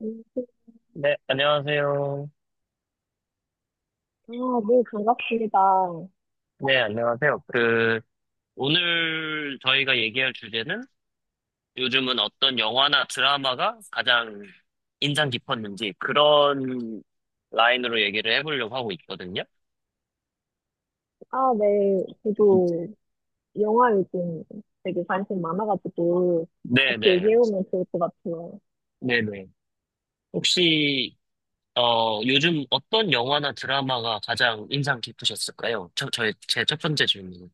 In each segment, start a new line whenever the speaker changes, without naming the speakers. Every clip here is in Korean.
음,
네, 안녕하세요.
아, 네, 반갑습니다.
네, 안녕하세요. 그, 오늘 저희가 얘기할 주제는 요즘은 어떤 영화나 드라마가 가장 인상 깊었는지 그런 라인으로 얘기를 해보려고 하고 있거든요.
아, 네, 저도 영화 요즘 되게 관심 많아가지고 같이
네네.
얘기해보면 좋을 것 같아요.
네네. 혹시, 요즘 어떤 영화나 드라마가 가장 인상 깊으셨을까요? 제 첫 번째 질문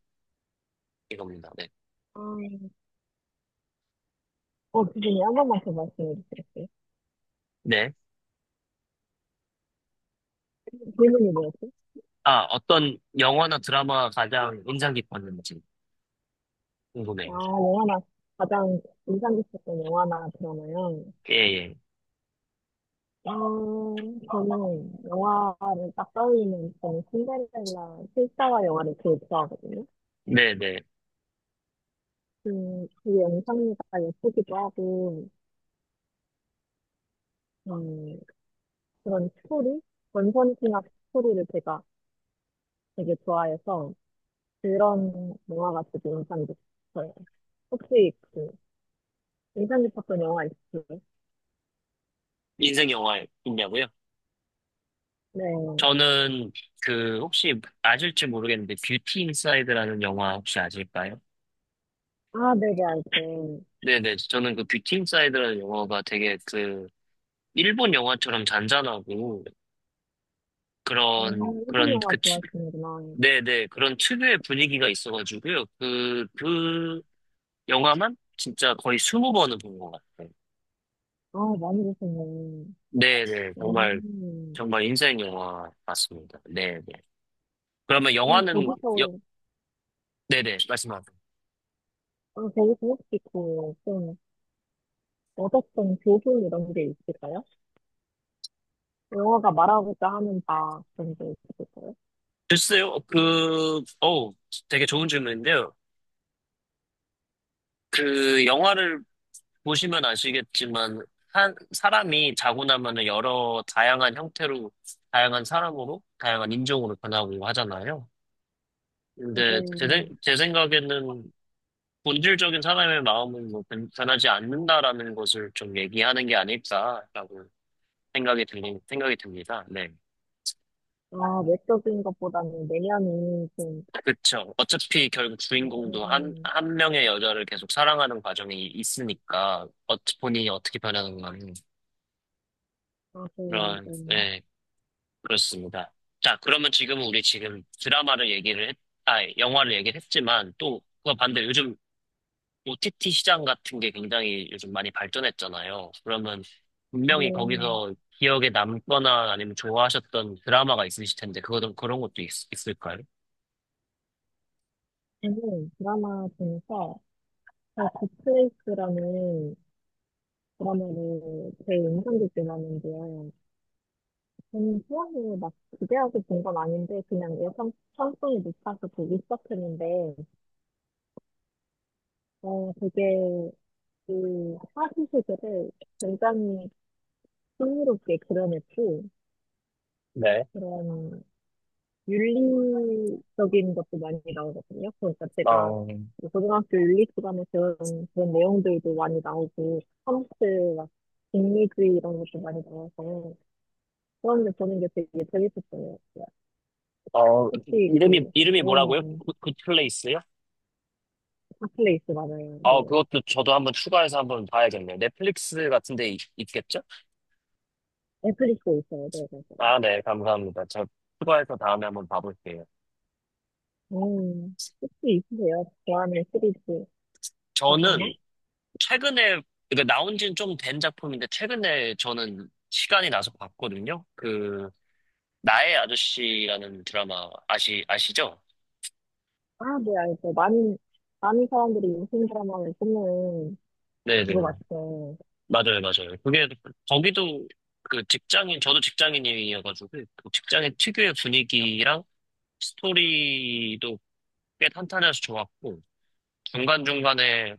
이겁니다. 네.
아, 기준이 한 번만 더 말씀해 주시겠어요?
네.
질문이 뭐였지?
아, 어떤 영화나 드라마가 가장 인상 깊었는지
아,
궁금해요.
영화나, 가장 인상 깊었던 영화나 드라마요?
예, 예.
어, 저는 영화를 딱 떠올리면 저는 신데렐라 실사화 영화를 제일 좋아하거든요.
네네.
그 영상미가 예쁘기도 하고, 음, 그런 스토리? 원펀치나 스토리를 제가 되게 좋아해서 그런 영화가 되게 인상 깊어요. 혹시 그 인상 깊었던 영화 있으세요?
인생 영화 있냐고요?
네.
저는 그 혹시 아실지 모르겠는데 뷰티 인사이드라는 영화 혹시 아실까요?
아, 네네, 알죠.
네네. 저는 그 뷰티 인사이드라는 영화가 되게 그 일본 영화처럼 잔잔하고 그런
일본
그런
영화
그 치-
좋아하시는구나.
네네, 그런 특유의 분위기가 있어가지고요. 그 영화만 진짜 거의 스무 번은 본 것 같아요.
아, 많이 보시네.
네네. 정말
음,
정말 인생 영화 맞습니다. 네네. 그러면
그럼
영화는 여,
거기서,
네네, 말씀하세요.
아, 거기서 혹시 그, 좀, 얻었던 교훈 이런 게 있을까요? 영화가 말하고자 하는 바, 그런 게 있을까요?
글쎄요, 그, 어, 되게 좋은 질문인데요. 그, 영화를 보시면 아시겠지만, 한, 사람이 자고 나면은 여러 다양한 형태로, 다양한 사람으로, 다양한 인종으로 변하고 하잖아요. 근데 제, 생-
네.
제 생각에는 본질적인 사람의 마음은 뭐 변- 변하지 않는다라는 것을 좀 얘기하는 게 아닐까라고 생각이 들 생각이 듭니다. 네.
아, 외적인 것보다는 내면이 좀,
그쵸. 어차피 결국 주인공도 한,
음,
한 명의 여자를 계속 사랑하는 과정이 있으니까, 어, 본인이 어떻게 변하는가는
맞아요,
그런,
맞아요.
네, 그렇습니다. 자, 그러면 지금은 우리 지금 아, 영화를 얘기를 했지만, 또, 그거 반대로 요즘 OTT 시장 같은 게 굉장히 요즘 많이 발전했잖아요. 그러면 분명히
음,
거기서 기억에 남거나 아니면 좋아하셨던 드라마가 있으실 텐데, 그거 그런 것도 있, 을까요?
저는 드라마 중에서 더 굿플레이스라는 드라마를 제 인상깊게 봤는데요. 저는 처음에 막 기대하고 본 건 아닌데 그냥 예상 편성이 높아서 보기 시작했는데 되게 그 사실 세계를 굉장히 흥미롭게 그려냈고
네.
그런 윤리적인 것도 많이 나오거든요. 그러니까 제가
어,
뭐 고등학교 윤리 시간에 배운 그런 내용들도 많이 나오고, 컴퓨터, 막, 인리주의 이런 것도 많이 나와서, 그런데 저는 게 되게 재밌었어요. 그러니까
어,
혹시 그,
이름이 뭐라고요?
음,
굿, 굿 플레이스요?
핫플레이스 맞아요.
아,
네.
그것도 저도 한번 추가해서 한번 봐야겠네요. 넷플릭스 같은 데 있, 겠죠?
넷플릭스에 있어요. 네, 맞아요.
아, 네, 감사합니다. 저 추가해서 다음에 한번 봐볼게요.
음, 혹시 있으세요? 좋아하는 시리즈 드라마?
저는 최근에, 그러니까 나온 지는 좀 된 작품인데, 최근에 저는 시간이 나서 봤거든요. 그, 나의 아저씨라는 드라마 아시죠?
아, 네, 알죠. 많은, 많은 사람들이 요즘 드라마를 보는
네네.
그거 맞죠?
맞아요, 맞아요. 그게, 거기도 그 직장인, 저도 직장인이어가지고, 그 직장인 특유의 분위기랑 스토리도 꽤 탄탄해서 좋았고, 중간중간에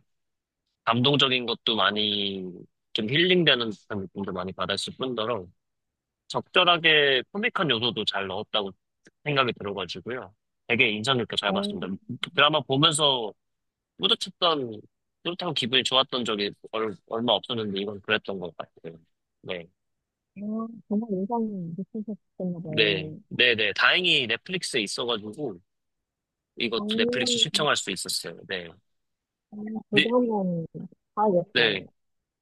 감동적인 것도 많이 좀 힐링되는 듯한 느낌도 많이 받았을 뿐더러 적절하게 코믹한 요소도 잘 넣었다고 생각이 들어가지고요. 되게 인상 깊게 잘
음.
봤습니다. 그 드라마 보면서 뿌듯했던, 뿌듯하고 기분이 좋았던 적이 얼, 마 없었는데 이건 그랬던 것 같아요. 네.
아, 정말 인상 깊으셨었나
네.
봐요.
네, 네. 다행히 넷플릭스에 있어가지고 이거 넷플릭스
저는
시청할 수 있었어요. 네. 네,
그거는
네,
봐야겠어요.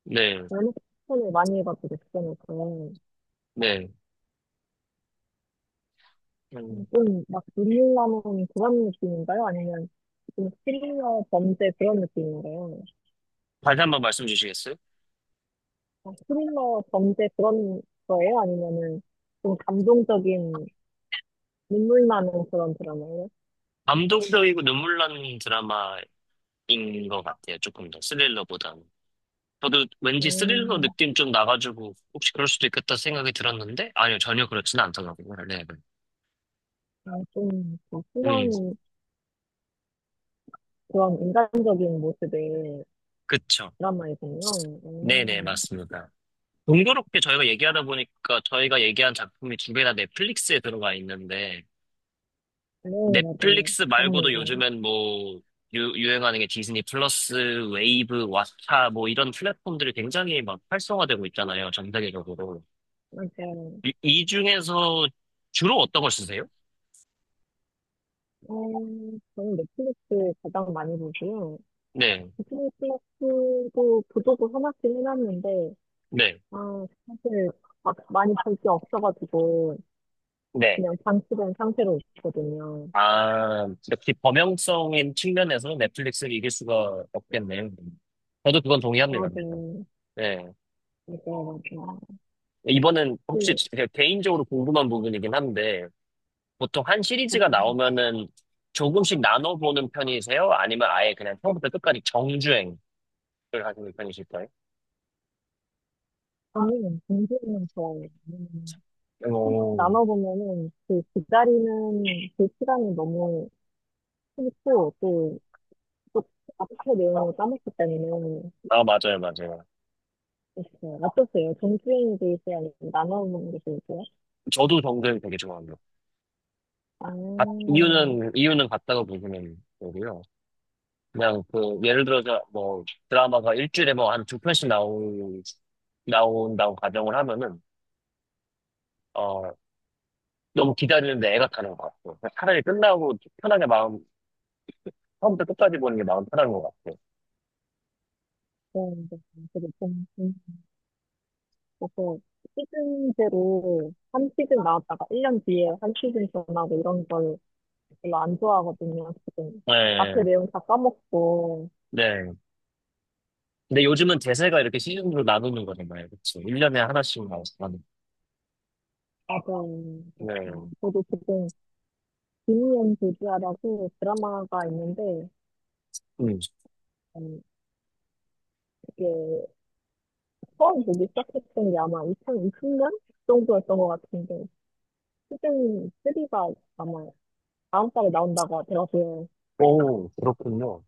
네,
연애 추천을 많이 해가지고 추천했고요.
네. 음,
좀막 눈물 나는 그런 느낌인가요? 아니면 좀 스릴러 범죄 그런 느낌인가요?
다시 한 번 말씀 주시겠어요?
아, 스릴러 범죄 그런 거예요? 아니면은 좀 감동적인 눈물 나는 그런 드라마예요?
감동적이고 눈물 나는 드라마인 것 같아요. 조금 더 스릴러보다는. 저도 왠지 스릴러
음,
느낌 좀 나가지고 혹시 그럴 수도 있겠다 생각이 들었는데 아니요, 전혀 그렇지는 않더라고요. 네, 네.
아, 좀그
음,
순한 그런 인간적인 모습의
그쵸.
드라마이군요.
네네,
음.
맞습니다. 동교롭게 저희가 얘기하다 보니까 저희가 얘기한 작품이 두 개 다 넷플릭스에 들어가 있는데,
네, 맞아요.
넷플릭스
너무
말고도
좋아요.
요즘엔 뭐, 유행하는 게 디즈니 플러스, 웨이브, 왓챠, 뭐 이런 플랫폼들이 굉장히 막 활성화되고 있잖아요, 전 세계적으로.
맞아요.
이 중에서 주로 어떤 걸 쓰세요?
어, 저는 넷플릭스 가장 많이 보고요.
네,
넷플릭스도 보조도 하나씩 해놨는데,
네,
아, 사실 막 많이 볼 게 없어가지고,
네.
그냥 방치된 상태로 있거든요.
아, 역시 범용성인 측면에서 넷플릭스를 이길 수가 없겠네요. 저도 그건 동의합니다. 그래서.
맞아요.
네.
맞아요, 맞아요.
이번엔 혹시
그,
제가 개인적으로 궁금한 부분이긴 한데, 보통 한 시리즈가
네.
나오면은 조금씩 나눠보는 편이세요? 아니면 아예 그냥 처음부터 끝까지 정주행을 하시는 편이실까요?
저는 공부는 좋아요.
오.
나눠보면은 그 기다리는 그 시간이 너무 싫고, 또, 또 앞에 내용을 까먹기 때문에
아, 맞아요, 맞아요.
있어요. 어떠세요? 정주행 드지요아 나눠 보는 게 좋을까요?
저도 정주행 되게 좋아합니다.
아,
이유는, 이유는 같다고 보시면 되고요. 그냥 그 예를 들어서 뭐 드라마가 일주일에 뭐 한 두 편씩 나오 나온다고 가정을 하면은 어, 너무 기다리는데 애가 타는 것 같고 그냥 차라리 끝나고 편하게 마음 처음부터 끝까지 보는 게 마음 편한 것 같고.
네, 네. 그리고 좀, 좀, 그서 시즌제로 한 시즌 나왔다가 1년 뒤에 한 시즌 전하고 이런 걸 별로 안 좋아하거든요, 지금.
네,
앞에 내용 다 까먹고.
네. 근데 요즘은 대세가 이렇게 시즌으로 나누는 거잖아요. 그쵸? 1년에 하나씩 나오는.
맞아요. 그
네.
저도 지금 김희연 교주아라고 드라마가 있는데,
음.
음, 이게 처음 보기 시작했던 게 아마 2020년 정도였던 것 같은데, 시즌 3가 아마 다음 달에 나온다고 들었어요.
오, 그렇군요.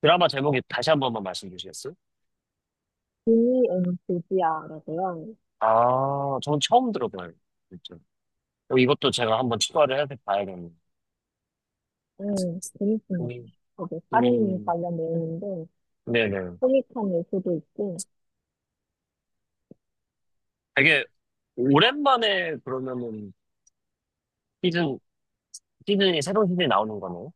드라마 제목이 다시 한 번만 말씀 주시겠어요?
d n c 지야라고요.
아, 저는 처음 들어봐요. 진짜. 어, 이것도 제가 한번 추가를 해서 봐야겠네요.
재밌습니다.
음,
거기 사륜
음.
관련 내용인데,
네네.
소 m 한 요소도 있고,
되게 오랜만에 그러면은 시즌, 새로운 시즌이 나오는 거네요.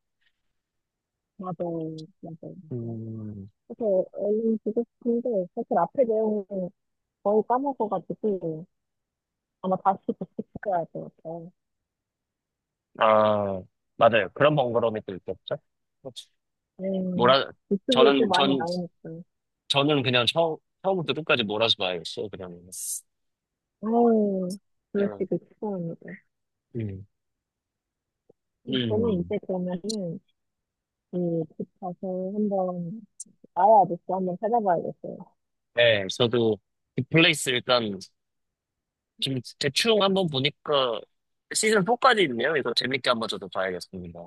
맞아요, 맞아요.
음,
그래서 얼른 보고 싶은데, 사실 앞에 내용은 거의 까먹어가지고, 아마 다시 복습해야 할 것 같아요.
아, 맞아요. 그런 번거로움이 또 있겠죠? 그렇죠.
음,
몰아,
유튜브에 또
저는,
많이
전,
나오니까.
저는 그냥 처음부터 끝까지 몰아서 봐야겠어요, 그냥.
아유,
예.
그러시길 축하합니다.
음,
저는
음.
이제 그러면은, 그, 집 가서 한번, 아야 아저씨 한번 찾아봐야겠어요.
네, 저도 빅플레이스 일단 지금 대충 한번 보니까 시즌 4까지 있네요. 이거 재밌게 한번 저도 봐야겠습니다.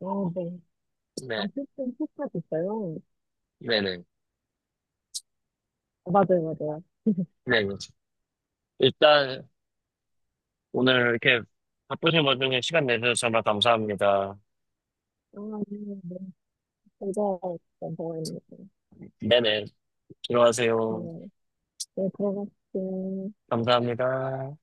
아, 네. 아,
네,
피스톤 피스 있어요?
네네.
아, 맞아요, 맞아요.
네, 일단 오늘 이렇게 바쁘신 와중에 시간 내주셔서 정말 감사합니다.
아, 네, 네. 제가 일단 저
네네.
어
들어가세요.
가 네, 들어갔어요.
감사합니다.